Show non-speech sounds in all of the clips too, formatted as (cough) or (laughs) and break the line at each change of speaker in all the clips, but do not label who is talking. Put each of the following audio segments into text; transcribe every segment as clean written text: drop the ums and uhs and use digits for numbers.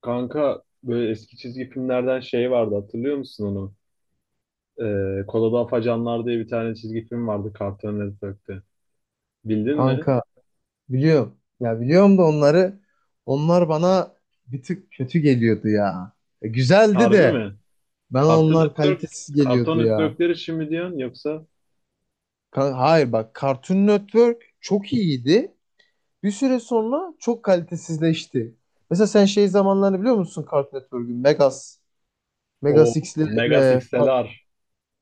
Kanka böyle eski çizgi filmlerden şey vardı hatırlıyor musun onu? Kola'da Afacanlar diye bir tane çizgi film vardı Cartoon Network'te. Bildin mi?
Kanka biliyorum. Ya biliyorum da onlar bana bir tık kötü geliyordu ya. Güzeldi
Harbi
de
mi?
ben
Cartoon
onlar
Network,
kalitesiz
Cartoon
geliyordu ya.
Network'leri şimdi mi diyorsun yoksa
Hayır bak, Cartoon Network çok iyiydi. Bir süre sonra çok kalitesizleşti. Mesela sen şey zamanlarını biliyor musun Cartoon Network'ün? Megas
o Mega
X'lere.
Six'teler.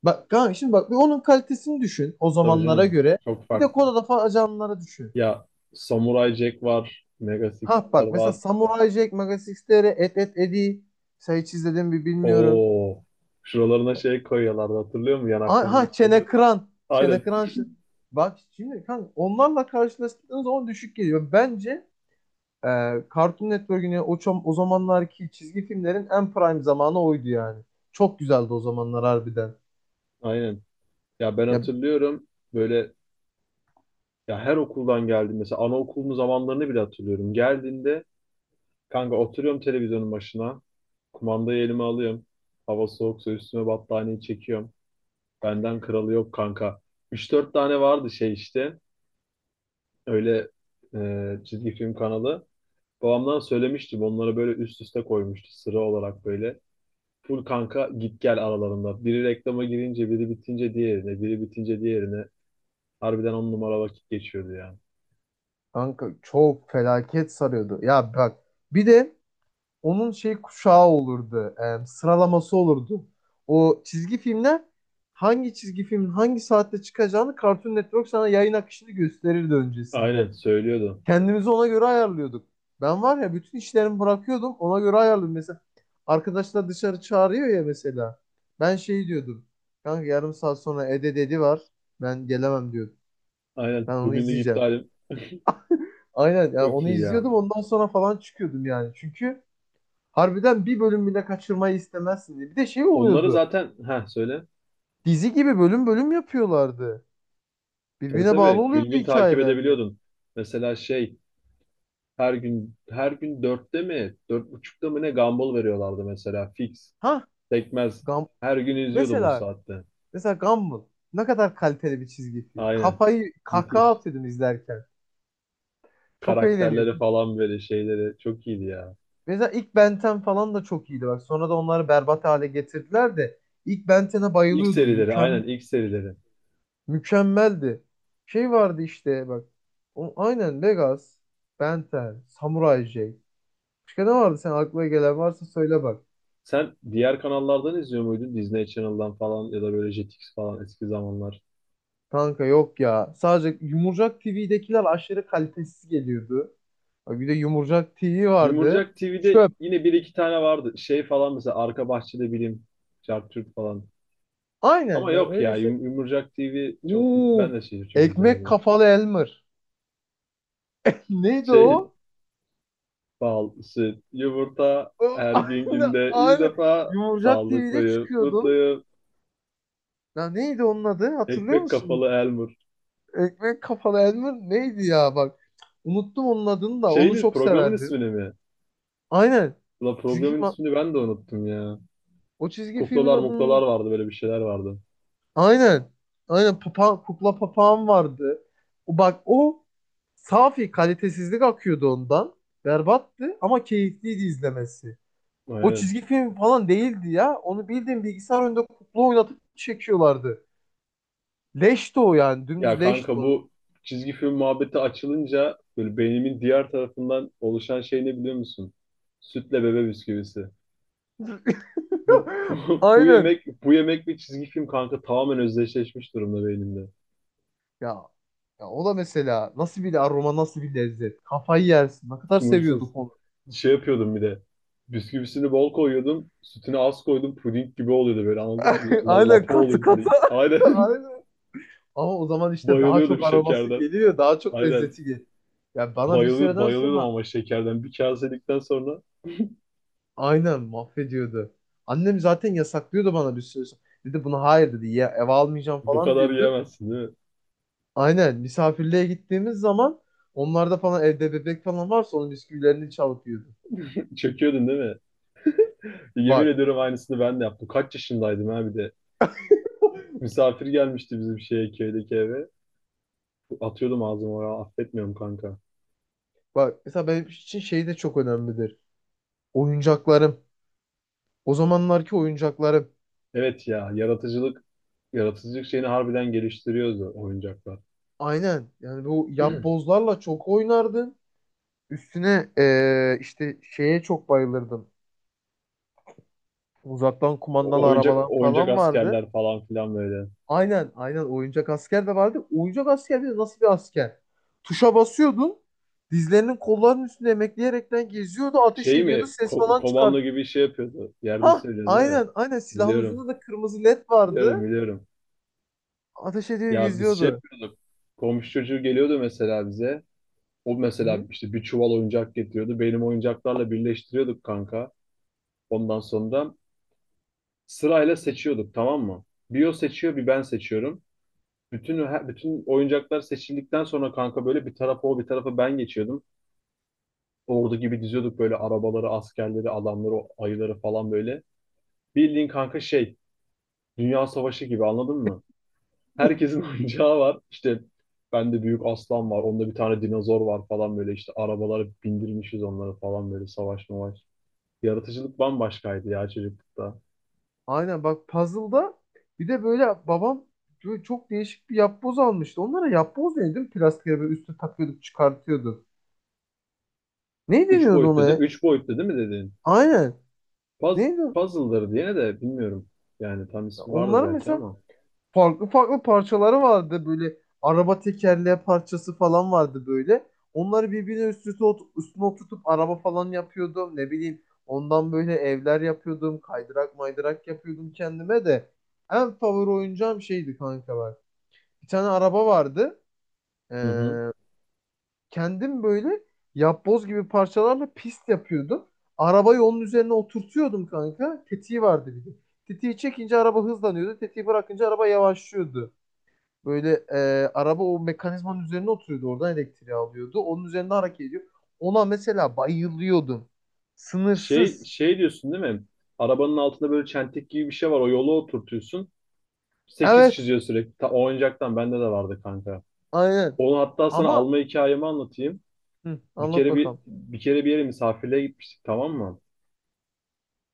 Bak kanka, şimdi bak bir onun kalitesini düşün o
Tabii
zamanlara
canım,
göre.
çok
Bir de
farklı.
Kodalı Ajanları düşün.
Ya, Samurai Jack var, Mega
Ha
Six'ler
bak, mesela
var.
Samurai Jack, Magas XTR, Et Et Edi. Mesela hiç izledim mi bilmiyorum.
Oo, şuralarına şey koyuyorlardı hatırlıyor musun yanaklarının
Ha,
üstüne?
Çene Kıran.
(laughs) Aynen,
Çene Kıran. Bak şimdi kanka, onlarla karşılaştığınız zaman düşük geliyor. Bence e, Cartoon Network'ün ya o, o zamanlarki çizgi filmlerin en prime zamanı oydu yani. Çok güzeldi o zamanlar harbiden.
aynen. Ya ben
Ya
hatırlıyorum böyle. Ya her okuldan geldim. Mesela anaokulunun zamanlarını bile hatırlıyorum. Geldiğinde kanka oturuyorum televizyonun başına. Kumandayı elime alıyorum. Hava soğuksa üstüme battaniyeyi çekiyorum. Benden kralı yok kanka. Üç dört tane vardı şey işte. Öyle çizgi film kanalı. Babamdan söylemiştim. Onları böyle üst üste koymuştu sıra olarak böyle. Full kanka git gel aralarında. Biri reklama girince, biri bitince diğerine, biri bitince diğerine. Harbiden on numara vakit geçiyordu ya.
kanka, çok felaket sarıyordu. Ya bak, bir de onun şey kuşağı olurdu. Sıralaması olurdu. O çizgi filmler, hangi çizgi filmin hangi saatte çıkacağını Cartoon Network sana yayın akışını gösterirdi
Aynen
öncesinde.
söylüyordu.
Kendimizi ona göre ayarlıyorduk. Ben var ya, bütün işlerimi bırakıyordum, ona göre ayarlıyordum. Mesela arkadaşlar dışarı çağırıyor ya mesela. Ben şey diyordum. Kanka, yarım saat sonra Ede dedi var. Ben gelemem diyordum. Ben
Aynen.
onu
Bugünlük
izleyeceğim.
iptalim,
Aynen yani,
çok
onu
iyi ya.
izliyordum, ondan sonra falan çıkıyordum yani. Çünkü harbiden bir bölüm bile kaçırmayı istemezsin diye. Bir de şey
Onları
oluyordu.
zaten, ha söyle.
Dizi gibi bölüm bölüm yapıyorlardı.
Tabii
Birbirine bağlı
tabii. Gün
oluyordu
gün takip
hikayelerde.
edebiliyordun. Mesela şey, her gün her gün dörtte mi dört buçukta mı ne Gumball veriyorlardı mesela fix.
Ha,
Tekmez.
Gam
Her gün izliyordum o
mesela
saatte.
mesela Gumball ne kadar kaliteli bir çizgi film.
Aynen.
Kafayı kahkaha
Müthiş.
atıyordum izlerken. Çok
Karakterleri
eğleniyordum.
falan böyle şeyleri çok iyiydi ya.
Mesela ilk Ben 10 falan da çok iyiydi bak. Sonra da onları berbat hale getirdiler de ilk Ben 10'e
İlk
bayılıyordum.
serileri, aynen
Mükem
ilk serileri.
mükemmeldi. Şey vardı işte bak. O, aynen Legas, Ben 10, Samurai Jack. Başka ne vardı, sen aklına gelen varsa söyle bak.
Sen diğer kanallardan izliyor muydun? Disney Channel'dan falan, ya da böyle Jetix falan eski zamanlar.
Kanka yok ya. Sadece Yumurcak TV'dekiler aşırı kalitesiz geliyordu. Bak bir de Yumurcak TV vardı.
Yumurcak TV'de
Çöp.
yine bir iki tane vardı. Şey falan, mesela Arka Bahçede Bilim, Çarptürk falan.
Aynen
Ama
yani,
yok ya,
öyle şey.
Yumurcak TV çok, ben
Oo,
de şeyi çok
ekmek
izlemedim.
kafalı Elmer. (laughs) Neydi
Şey,
o?
bal, süt, yumurta her gün,
(laughs) Aynı
günde ilk
aynı.
defa
Yumurcak TV'de
sağlıklıyım,
çıkıyordu.
mutluyum.
Ya neydi onun adı? Hatırlıyor
Ekmek
musun?
kafalı Elmur.
Ekmek kafalı Elmer neydi ya bak. Unuttum onun adını da. Onu
Şeyin,
çok
programın
severdim.
ismini mi?
Aynen.
La,
Çizgi
programın
film.
ismini ben de unuttum ya.
O çizgi filmin
Kuklalar muklalar
adını.
vardı, böyle bir şeyler vardı.
Aynen. Aynen papa, kukla papağan vardı. O bak, o safi kalitesizlik akıyordu ondan. Berbattı ama keyifliydi izlemesi. O
Aynen.
çizgi film falan değildi ya. Onu bildiğin bilgisayar önünde kukla oynatıp çekiyorlardı. Leşti o yani.
Ya
Dümdüz leşti
kanka,
o.
bu çizgi film muhabbeti açılınca böyle beynimin diğer tarafından oluşan şey ne biliyor musun? Sütle bebe bisküvisi. Bu,
(laughs)
(laughs) bu
Aynen.
yemek, bu yemek ve çizgi film kanka tamamen özdeşleşmiş durumda beynimde.
Ya, ya o da mesela nasıl bir aroma, nasıl bir lezzet. Kafayı yersin. Ne kadar
Sınırsız.
seviyorduk onu.
Şey yapıyordum bir de. Bisküvisini bol koyuyordum. Sütünü az koydum. Puding gibi oluyordu böyle, anladın mı?
(laughs) Aynen
Lapa
katı
oluyordu
katı.
böyle.
(laughs)
Aynen.
Aynen. Ama o zaman
(laughs)
işte daha
Bayılıyordum
çok aroması
şekerden.
geliyor, daha çok
Aynen.
lezzeti geliyor. Ya bana bir
Bayılıyordum,
süreden
bayılıyordum
sonra
ama şekerden. Bir kase yedikten sonra
aynen mahvediyordu. Annem zaten yasaklıyordu bana bir süre sonra. Dedi buna hayır, dedi ya, eve almayacağım
bu
falan
kadar
diyordu.
yiyemezsin değil mi?
Aynen, misafirliğe gittiğimiz zaman onlarda falan, evde bebek falan varsa, onun bisküvilerini çalıp yiyordu.
Çöküyordun değil mi? Yemin
Bak
ediyorum aynısını ben de yaptım. Kaç yaşındaydım ha bir de. Misafir gelmişti bizim şeye, köydeki eve. Atıyordum ağzıma ya, affetmiyorum kanka.
bak mesela, benim için şey de çok önemlidir. Oyuncaklarım. O zamanlarki oyuncaklarım.
Evet ya, yaratıcılık, yaratıcılık şeyini harbiden geliştiriyordu oyuncaklar.
Aynen yani, bu
(clears throat)
yapbozlarla çok oynardım. Üstüne işte şeye çok bayılırdım. Uzaktan kumandalı
Oyuncak
arabalar
oyuncak
falan vardı.
askerler falan filan böyle.
Aynen aynen, oyuncak asker de vardı. Oyuncak asker de nasıl bir asker? Tuşa basıyordun. Dizlerinin kollarının üstünde emekleyerekten geziyordu. Ateş
Şey
ediyordu.
mi?
Ses falan
Komando
çıkart.
gibi şey yapıyordu. Yerde
Ha
söylüyor değil mi?
aynen aynen, silahın
Biliyorum.
ucunda da kırmızı led
Biliyorum,
vardı.
biliyorum.
Ateş ediyor
Ya biz şey
geziyordu.
yapıyorduk. Komşu çocuğu geliyordu mesela bize. O mesela
Hı-hı.
işte bir çuval oyuncak getiriyordu. Benim oyuncaklarla birleştiriyorduk kanka. Ondan sonra sırayla seçiyorduk, tamam mı? Bir o seçiyor, bir ben seçiyorum. Bütün oyuncaklar seçildikten sonra kanka böyle bir tarafa o, bir tarafa ben geçiyordum. Ordu gibi diziyorduk böyle arabaları, askerleri, adamları, o ayıları falan böyle. Bildiğin kanka şey, Dünya Savaşı gibi, anladın mı? Herkesin (laughs) oyuncağı var. İşte bende büyük aslan var. Onda bir tane dinozor var falan, böyle işte arabalara bindirmişiz onları falan, böyle savaş mavaş. Yaratıcılık bambaşkaydı ya çocuklukta.
Aynen bak, puzzle'da bir de, böyle babam, böyle çok değişik bir yapboz almıştı. Onlara yapboz neydi? Plastik böyle üstü takıyorduk, çıkartıyordu. Ne
Üç
deniyordu
boyutlu değil
ona?
mi? Üç boyutlu değil mi dedin?
Aynen.
Puz,
Neydi o?
Puzzle'ları diye de bilmiyorum. Yani tam ismi vardır
Onların
belki
mesela
ama.
farklı farklı parçaları vardı böyle. Araba tekerleği parçası falan vardı böyle. Onları birbirine üst üste üstüne oturtup araba falan yapıyordum. Ne bileyim, ondan böyle evler yapıyordum. Kaydırak maydırak yapıyordum kendime de. En favori oyuncağım şeydi kanka bak. Bir tane araba vardı. Ee,
Hı hı.
kendim böyle yapboz gibi parçalarla pist yapıyordum. Arabayı onun üzerine oturtuyordum kanka. Tetiği vardı bir de. Tetiği çekince araba hızlanıyordu. Tetiği bırakınca araba yavaşlıyordu. Böyle araba o mekanizmanın üzerine oturuyordu. Oradan elektriği alıyordu. Onun üzerinde hareket ediyor. Ona mesela bayılıyordum.
Şey,
Sınırsız.
şey diyorsun değil mi? Arabanın altında böyle çentik gibi bir şey var. O yola oturtuyorsun. Sekiz
Evet.
çiziyor sürekli. O oyuncaktan bende de vardı kanka.
Aynen.
Onu hatta sana
Ama
alma hikayemi anlatayım.
hı, anlat bakalım.
Bir kere bir yere misafirliğe gitmiştik, tamam mı?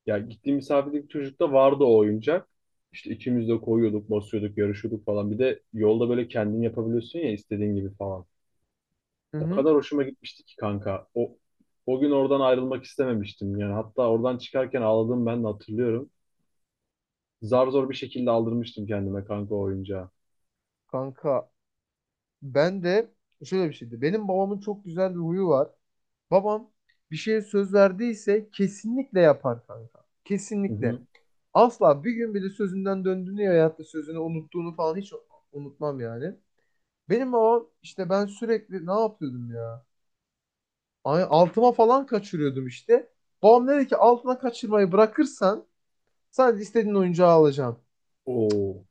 Ya, gittiğim misafirlik çocukta vardı o oyuncak. İşte ikimiz de koyuyorduk, basıyorduk, yarışıyorduk falan. Bir de yolda böyle kendin yapabiliyorsun ya istediğin gibi falan.
Hı
O
hı.
kadar hoşuma gitmişti ki kanka. O gün oradan ayrılmak istememiştim. Yani hatta oradan çıkarken ağladım, ben de hatırlıyorum. Zar zor bir şekilde aldırmıştım kendime kanka o oyuncağı.
Kanka, ben de şöyle bir şeydi. Benim babamın çok güzel bir huyu var. Babam bir şeye söz verdiyse kesinlikle yapar kanka.
Hı
Kesinlikle.
hı.
Asla bir gün bile sözünden döndüğünü ya da sözünü unuttuğunu falan hiç unutmam yani. Benim babam işte, ben sürekli ne yapıyordum ya? Ay, altıma falan kaçırıyordum işte. Babam dedi ki, altına kaçırmayı bırakırsan sadece istediğin oyuncağı alacağım.
Oo.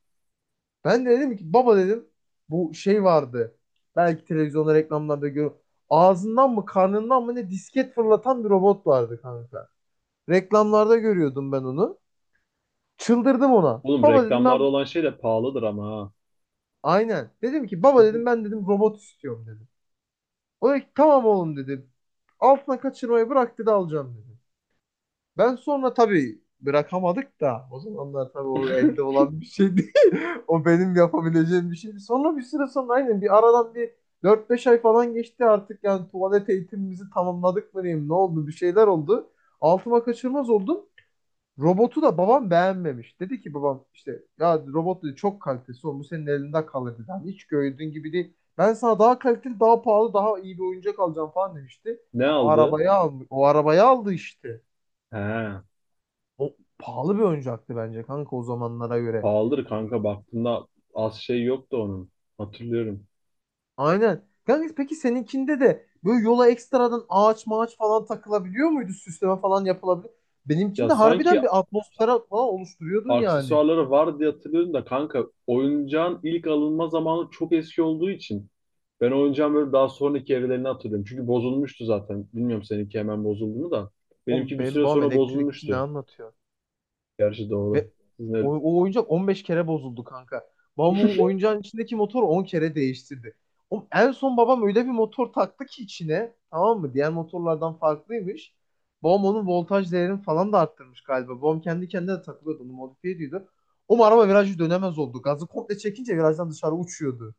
Ben de dedim ki, baba dedim, bu şey vardı. Belki televizyonda reklamlarda gör. Ağzından mı karnından mı ne, disket fırlatan bir robot vardı kanka. Reklamlarda görüyordum ben onu. Çıldırdım ona.
Oğlum,
Baba dedim,
reklamlarda
ben
olan şey de pahalıdır ama ha.
aynen. Dedim ki baba dedim, ben dedim robot istiyorum dedim. O da ki, tamam oğlum dedi. Altına kaçırmayı bırak dedi, alacağım dedi. Ben sonra tabii bırakamadık da o zamanlar, tabii o elde
(laughs)
olan bir şey değil. (laughs) O benim yapabileceğim bir şeydi. Sonra bir süre sonra aynen, bir aradan bir dört beş ay falan geçti artık yani, tuvalet eğitimimizi tamamladık mı diyeyim, ne oldu, bir şeyler oldu. Altıma kaçırmaz oldum. Robotu da babam beğenmemiş. Dedi ki babam, işte ya robot dedi, çok kalitesi olmuş senin elinde kalır dedi. Hani hiç gördüğün gibi değil. Ben sana daha kaliteli, daha pahalı, daha iyi bir oyuncak alacağım falan demişti.
Ne
O
aldı?
arabayı aldı. O arabayı aldı işte.
He.
O pahalı bir oyuncaktı bence kanka, o zamanlara göre.
Pahalıdır kanka, baktığında az şey yok da onun. Hatırlıyorum.
Aynen. Kanka peki, seninkinde de böyle yola ekstradan ağaç mağaç falan takılabiliyor muydu? Süsleme falan yapılabilir.
Ya
Benimkinde
sanki
harbiden bir atmosfer falan oluşturuyordun yani.
aksesuarları var diye hatırlıyorum da kanka, oyuncağın ilk alınma zamanı çok eski olduğu için ben oyuncağın böyle daha sonraki evrelerini hatırlıyorum. Çünkü bozulmuştu zaten. Bilmiyorum seninki hemen bozuldu mu da.
Oğlum,
Benimki bir
benim
süre
babam
sonra
elektrikçi, ne
bozulmuştu.
anlatıyor?
Gerçi doğru.
Ve o,
Sizin
o oyuncak 15 kere bozuldu kanka. Babamın oyuncağın içindeki motor 10 kere değiştirdi. Oğlum en son babam öyle bir motor taktı ki içine, tamam mı? Diğer motorlardan farklıymış. Babam onun voltaj değerini falan da arttırmış galiba. Babam kendi kendine de takılıyordu. Onu modifiye ediyordu. O araba virajı dönemez oldu. Gazı komple çekince virajdan dışarı uçuyordu.